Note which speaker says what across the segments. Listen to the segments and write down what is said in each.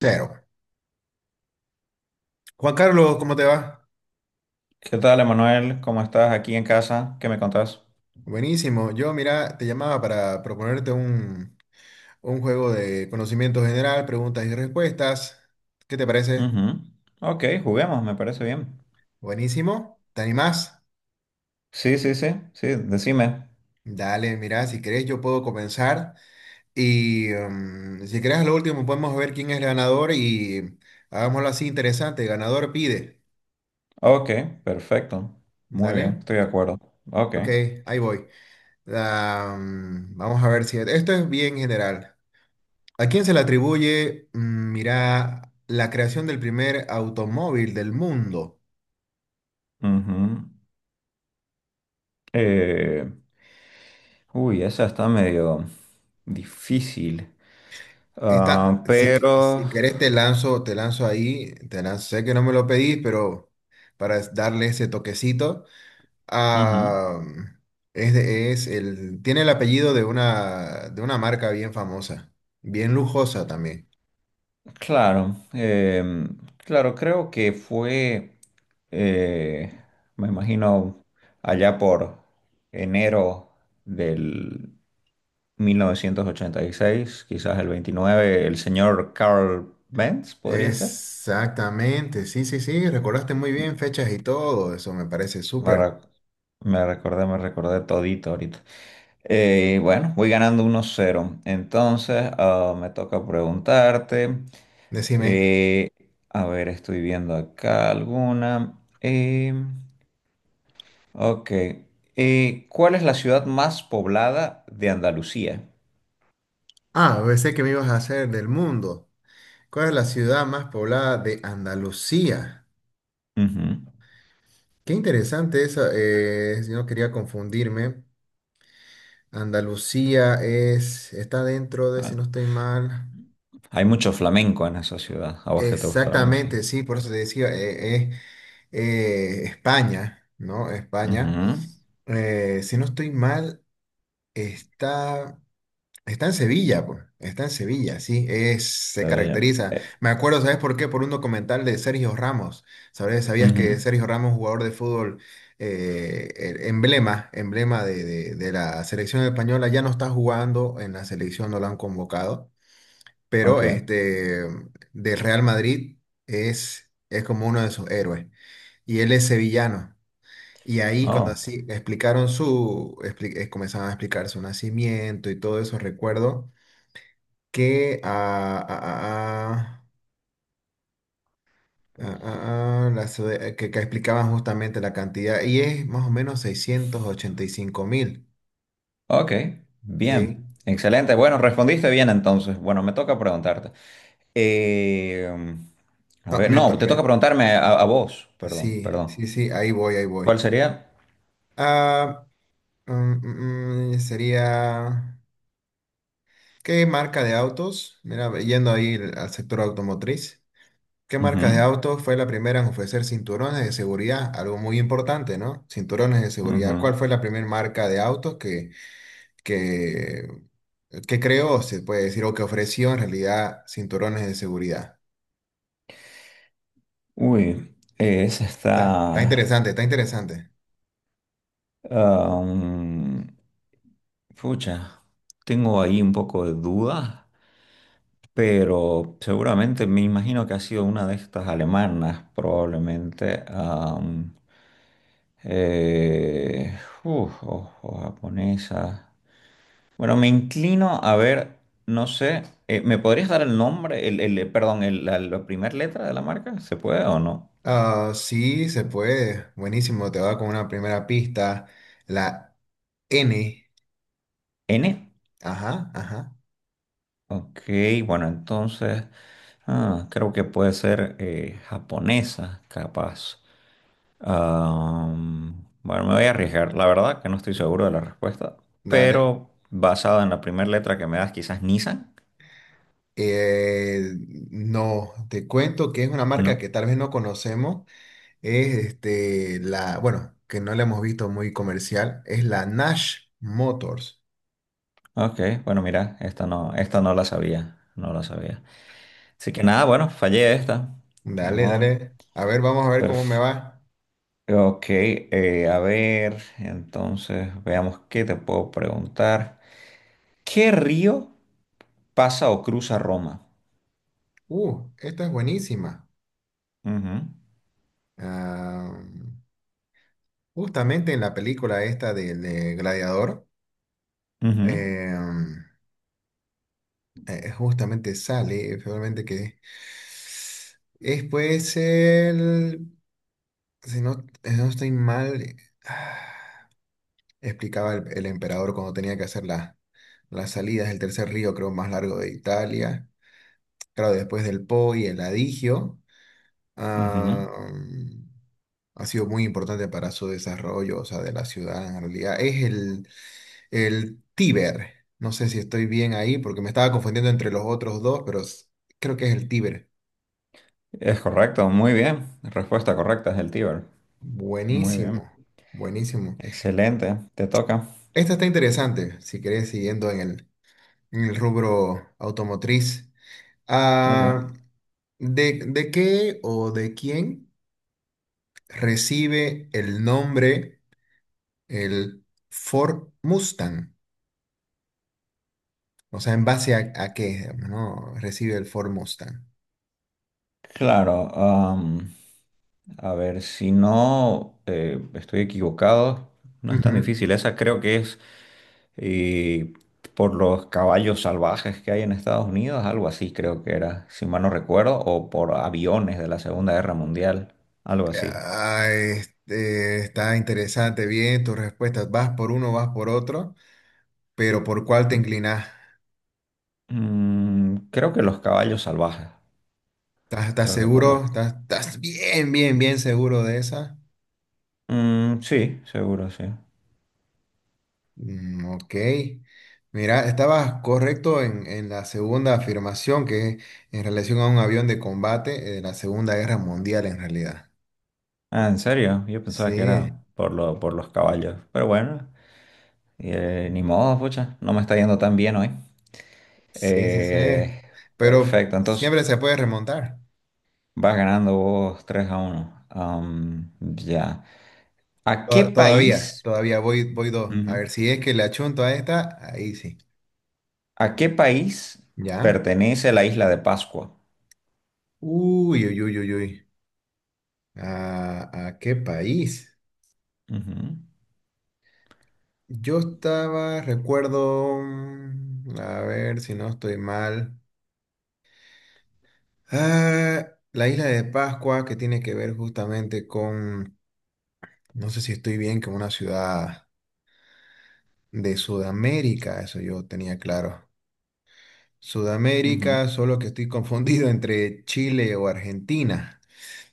Speaker 1: Cero. Juan Carlos, ¿cómo te va?
Speaker 2: ¿Qué tal, Emanuel? ¿Cómo estás aquí en casa? ¿Qué me contás?
Speaker 1: Buenísimo. Yo, mira, te llamaba para proponerte un juego de conocimiento general, preguntas y respuestas. ¿Qué te parece?
Speaker 2: Ujú. Ok, juguemos, me parece bien.
Speaker 1: Buenísimo. ¿Te animás?
Speaker 2: Sí, sí, sí, sí, decime.
Speaker 1: Dale, mira, si querés yo puedo comenzar y si querés a lo último podemos ver quién es el ganador y hagámoslo así interesante. Ganador pide.
Speaker 2: Ok, perfecto. Muy bien,
Speaker 1: Dale.
Speaker 2: estoy de acuerdo. Ok.
Speaker 1: Ok, ahí voy. Vamos a ver si esto es bien general. ¿A quién se le atribuye, mira, la creación del primer automóvil del mundo?
Speaker 2: Ujú. Eh, Uy, esa está medio difícil.
Speaker 1: Esta,
Speaker 2: Ah,
Speaker 1: si,
Speaker 2: pero...
Speaker 1: si querés te lanzo ahí, te lanzo, sé que no me lo pedís, pero para darle ese toquecito.
Speaker 2: ujú.
Speaker 1: Ah, es, es el, tiene el apellido de una marca bien famosa, bien lujosa también.
Speaker 2: Claro, claro, creo que fue, eh, me imagino, allá por enero del 1986, quizás el 29, el señor Carl Benz, podría ser.
Speaker 1: Exactamente, sí, sí, sí, recordaste muy bien fechas y todo, eso me parece
Speaker 2: Me,
Speaker 1: súper.
Speaker 2: re- Me recordé, me recordé todito ahorita. Bueno, voy ganando 1 cero. Entonces, ah, me toca preguntarte.
Speaker 1: Decime.
Speaker 2: eh, a ver, estoy viendo acá alguna. Ok. ¿Cuál es la ciudad más poblada de Andalucía?
Speaker 1: Ah, pensé que me ibas a hacer del mundo. ¿Cuál es la ciudad más poblada de Andalucía?
Speaker 2: Ujú.
Speaker 1: Qué interesante eso. Si no quería confundirme. Andalucía está dentro de, si
Speaker 2: Ah,
Speaker 1: no estoy mal.
Speaker 2: hay mucho flamenco en esa ciudad. A vos que te gusta la
Speaker 1: Exactamente,
Speaker 2: música.
Speaker 1: sí, por eso te decía, España, ¿no?
Speaker 2: Ujú.
Speaker 1: España. Si no estoy mal, está. Está en Sevilla, pues. Está en Sevilla, sí. Se
Speaker 2: Está bien.
Speaker 1: caracteriza. Me acuerdo, ¿sabes por qué? Por un documental de Sergio Ramos. ¿Sabes? ¿Sabías
Speaker 2: Ujú.
Speaker 1: que Sergio Ramos, jugador de fútbol, el emblema de la selección española, ya no está jugando en la selección, no lo han convocado. Pero
Speaker 2: Ok.
Speaker 1: este del Real Madrid es como uno de sus héroes. Y él es sevillano. Y ahí cuando
Speaker 2: Oh,
Speaker 1: así explicaron comenzaban a explicar su nacimiento y todo eso, recuerdo que, ah, ah, ah, ah, ah, ah, ah, que explicaban justamente la cantidad, y es más o menos 685.000,
Speaker 2: ok. Bien.
Speaker 1: ¿sí?
Speaker 2: Excelente. Bueno, respondiste bien entonces. Bueno, me toca preguntarte. Eh, a
Speaker 1: No,
Speaker 2: ver, no, te toca preguntarme a vos. Perdón,
Speaker 1: sí,
Speaker 2: perdón.
Speaker 1: sí, sí, ahí voy, ahí
Speaker 2: ¿Cuál
Speaker 1: voy.
Speaker 2: sería?
Speaker 1: Ah, sería, ¿qué marca de autos? Mira, yendo ahí al sector automotriz. ¿Qué
Speaker 2: Ujú,
Speaker 1: marca de autos fue la primera en ofrecer cinturones de seguridad? Algo muy importante, ¿no? Cinturones de
Speaker 2: ujú.
Speaker 1: seguridad. ¿Cuál fue la primera marca de autos que que, que creó, se puede decir, o que ofreció en realidad cinturones de seguridad?
Speaker 2: Uy, esa
Speaker 1: Está, está
Speaker 2: está.
Speaker 1: interesante, está interesante.
Speaker 2: Am, Pucha, tengo ahí un poco de dudas, pero seguramente me imagino que ha sido una de estas alemanas, probablemente, eh, uf, o japonesa. Bueno, me inclino a ver, no sé, ¿me podrías dar el nombre, perdón, la primera letra de la marca? ¿Se puede o no?
Speaker 1: Ah, sí, se puede. Buenísimo, te va con una primera pista. La N.
Speaker 2: ¿N?
Speaker 1: Ajá, ajá.
Speaker 2: Ok, bueno, entonces creo que puede ser japonesa, capaz. Bueno, me voy a arriesgar, la verdad que no estoy seguro de la respuesta,
Speaker 1: Dale.
Speaker 2: pero basada en la primera letra que me das, quizás Nissan,
Speaker 1: Eh, no, te cuento que es una marca que
Speaker 2: ¿no?
Speaker 1: tal vez no conocemos. Es este, la, bueno, que no la hemos visto muy comercial. Es la Nash Motors.
Speaker 2: Ok, bueno, mira, esta no la sabía, no la sabía. Así que nada, bueno, fallé esta, ni
Speaker 1: Dale,
Speaker 2: modo.
Speaker 1: dale. A ver, vamos a ver cómo me
Speaker 2: Perf-
Speaker 1: va.
Speaker 2: ok, a ver, entonces veamos qué te puedo preguntar. ¿Qué río pasa o cruza Roma?
Speaker 1: Esta es buenísima.
Speaker 2: Ujú,
Speaker 1: Ah, justamente en la película esta del de Gladiador,
Speaker 2: ujú,
Speaker 1: eh, justamente sale, realmente que es pues el, si no, si no estoy mal, ah, explicaba el emperador cuando tenía que hacer las salidas del tercer río, creo, más largo de Italia. Claro, después del Po y el Adigio.
Speaker 2: ujú.
Speaker 1: ha, ha sido muy importante para su desarrollo, o sea, de la ciudad en realidad. Es el Tíber. No sé si estoy bien ahí porque me estaba confundiendo entre los otros dos, pero creo que es el Tíber.
Speaker 2: Es correcto, muy bien. Respuesta correcta es el Tíber. Muy bien.
Speaker 1: Buenísimo, buenísimo.
Speaker 2: Excelente, te toca.
Speaker 1: Esta está interesante, si querés, siguiendo en el rubro automotriz.
Speaker 2: Ok.
Speaker 1: Ah, ¿de qué o de quién recibe el nombre el Ford Mustang? O sea, ¿en base a qué, digamos, no? Recibe el Ford Mustang.
Speaker 2: Claro, am, a ver, si no estoy equivocado, no es tan
Speaker 1: Ujú.
Speaker 2: difícil. Esa creo que es eh, por los caballos salvajes que hay en Estados Unidos, algo así creo que era, si mal no recuerdo, o por aviones de la Segunda Guerra Mundial, algo así.
Speaker 1: Ah, este, está interesante, bien tus respuestas. Vas por uno, vas por otro, pero ¿por cuál te inclinás?
Speaker 2: Mm, creo que los caballos salvajes.
Speaker 1: ¿Estás
Speaker 2: Creo que por
Speaker 1: seguro?
Speaker 2: los...
Speaker 1: ¿Estás bien, bien, bien seguro de esa?
Speaker 2: Mm, sí, seguro, sí.
Speaker 1: Mm, ok. Mira, estabas correcto en la segunda afirmación, que es en relación a un avión de combate de la Segunda Guerra Mundial, en realidad.
Speaker 2: Ah, ¿en serio? Yo pensaba que
Speaker 1: Sí.
Speaker 2: era por por los caballos. Pero bueno, ni modo, pucha. No me está yendo tan bien hoy.
Speaker 1: Sí, sí, sí.
Speaker 2: Eh,
Speaker 1: Pero
Speaker 2: Perfecto, entonces
Speaker 1: siempre se puede remontar.
Speaker 2: vas ganando vos 3 a uno. Am, ya. ¿A qué
Speaker 1: To- Todavía,
Speaker 2: país?
Speaker 1: todavía voy, dos. A
Speaker 2: Ujú.
Speaker 1: ver si es que le achunto a esta, ahí sí.
Speaker 2: ¿A qué país
Speaker 1: ¿Ya?
Speaker 2: pertenece la isla de Pascua?
Speaker 1: Uy, uy, uy, uy, uy. ¿A qué país?
Speaker 2: Ujú,
Speaker 1: Yo estaba, recuerdo, a ver si no estoy mal. Ah, la isla de Pascua, que tiene que ver justamente con, no sé si estoy bien, con una ciudad de Sudamérica, eso yo tenía claro.
Speaker 2: ujú.
Speaker 1: Sudamérica, solo que estoy confundido entre Chile o Argentina.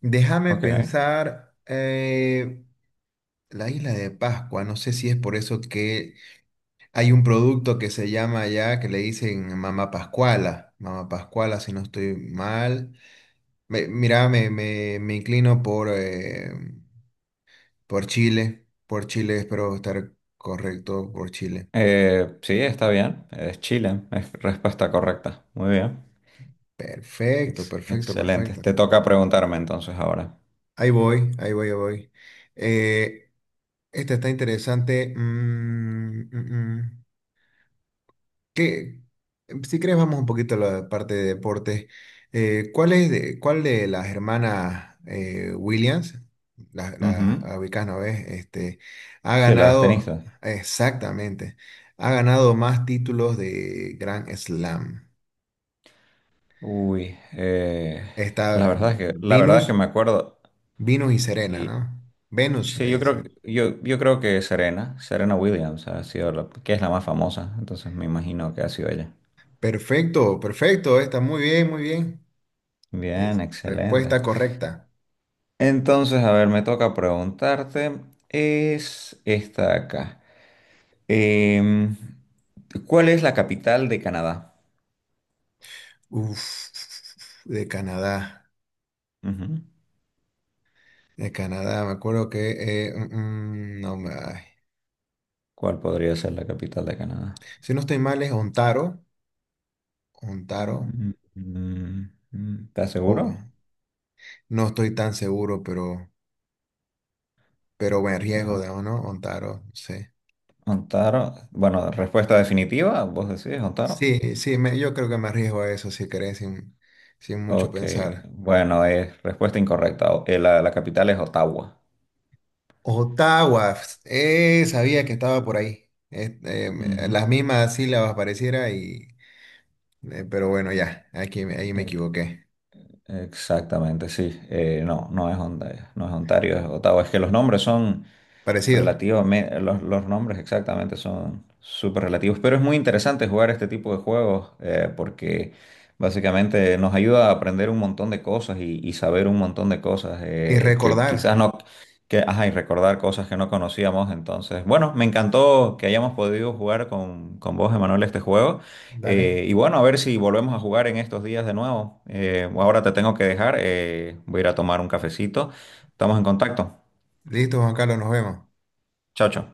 Speaker 1: Déjame
Speaker 2: Ok.
Speaker 1: pensar, la isla de Pascua, no sé si es por eso que hay un producto que se llama allá que le dicen Mamá Pascuala, Mamá Pascuala si no estoy mal. Mira, me inclino por Chile, espero estar correcto, por Chile.
Speaker 2: Sí, está bien. Es Chile. Es respuesta correcta. Muy bien.
Speaker 1: Perfecto, perfecto,
Speaker 2: Excelente.
Speaker 1: perfecto.
Speaker 2: Te toca preguntarme entonces ahora.
Speaker 1: Ahí voy, ahí voy, ahí voy. Eh, Esta está interesante. Mm, mm, mm. ¿Qué- Si crees, vamos un poquito a la parte de deporte. ¿Cuál es cuál de las hermanas Williams, las la
Speaker 2: Ujú.
Speaker 1: ubicás, ¿no ves? Este, ha
Speaker 2: Sí, la de
Speaker 1: ganado,
Speaker 2: tenista.
Speaker 1: exactamente, ha ganado más títulos de Grand Slam.
Speaker 2: Uy,
Speaker 1: Está
Speaker 2: la verdad es que
Speaker 1: Venus,
Speaker 2: me acuerdo.
Speaker 1: Venus y Serena,
Speaker 2: Y
Speaker 1: ¿no? Venus,
Speaker 2: sí,
Speaker 1: le dicen.
Speaker 2: yo creo que Serena Williams ha sido la, que es la más famosa. Entonces me imagino que ha sido ella.
Speaker 1: Perfecto, perfecto, está muy bien, muy bien.
Speaker 2: Bien,
Speaker 1: Es
Speaker 2: excelente.
Speaker 1: respuesta correcta.
Speaker 2: Entonces, a ver, me toca preguntarte. Es esta acá. Em, ¿cuál es la capital de Canadá?
Speaker 1: Uf, de Canadá,
Speaker 2: Ujú.
Speaker 1: de Canadá, me acuerdo que, no me, ay.
Speaker 2: ¿Cuál podría ser la capital de Canadá?
Speaker 1: Si no estoy mal es Ontario, Ontario,
Speaker 2: ¿Estás
Speaker 1: o
Speaker 2: seguro?
Speaker 1: no estoy tan seguro, pero me arriesgo,
Speaker 2: Ah,
Speaker 1: digamos, ¿no? Ontario, sí.
Speaker 2: Ontario. Bueno, respuesta definitiva, vos decís Ontario.
Speaker 1: Sí, sí, yo creo que me arriesgo a eso, si querés, sin mucho
Speaker 2: Ok,
Speaker 1: pensar.
Speaker 2: bueno, es respuesta incorrecta. La capital es Ottawa.
Speaker 1: Ottawa, sabía que estaba por ahí,
Speaker 2: Ujú.
Speaker 1: las mismas sílabas pareciera y, pero bueno, ya, aquí, ahí me
Speaker 2: Ex-
Speaker 1: equivoqué,
Speaker 2: Exactamente, sí. No, no es Ontario, no es Ontario, es Ottawa. Es que los nombres son
Speaker 1: parecido.
Speaker 2: relativo. Los nombres exactamente son súper relativos, pero es muy interesante jugar este tipo de juegos porque básicamente nos ayuda a aprender un montón de cosas y saber un montón de cosas
Speaker 1: Y
Speaker 2: que
Speaker 1: recordar.
Speaker 2: quizás no, que, ajá, y recordar cosas que no conocíamos. Entonces, bueno, me encantó que hayamos podido jugar con vos, Emanuel, este juego.
Speaker 1: Dale.
Speaker 2: Y bueno, a ver si volvemos a jugar en estos días de nuevo. Ahora te tengo que dejar, voy a ir a tomar un cafecito. Estamos en contacto.
Speaker 1: Listo, Juan Carlos, nos vemos.
Speaker 2: Chao, chao.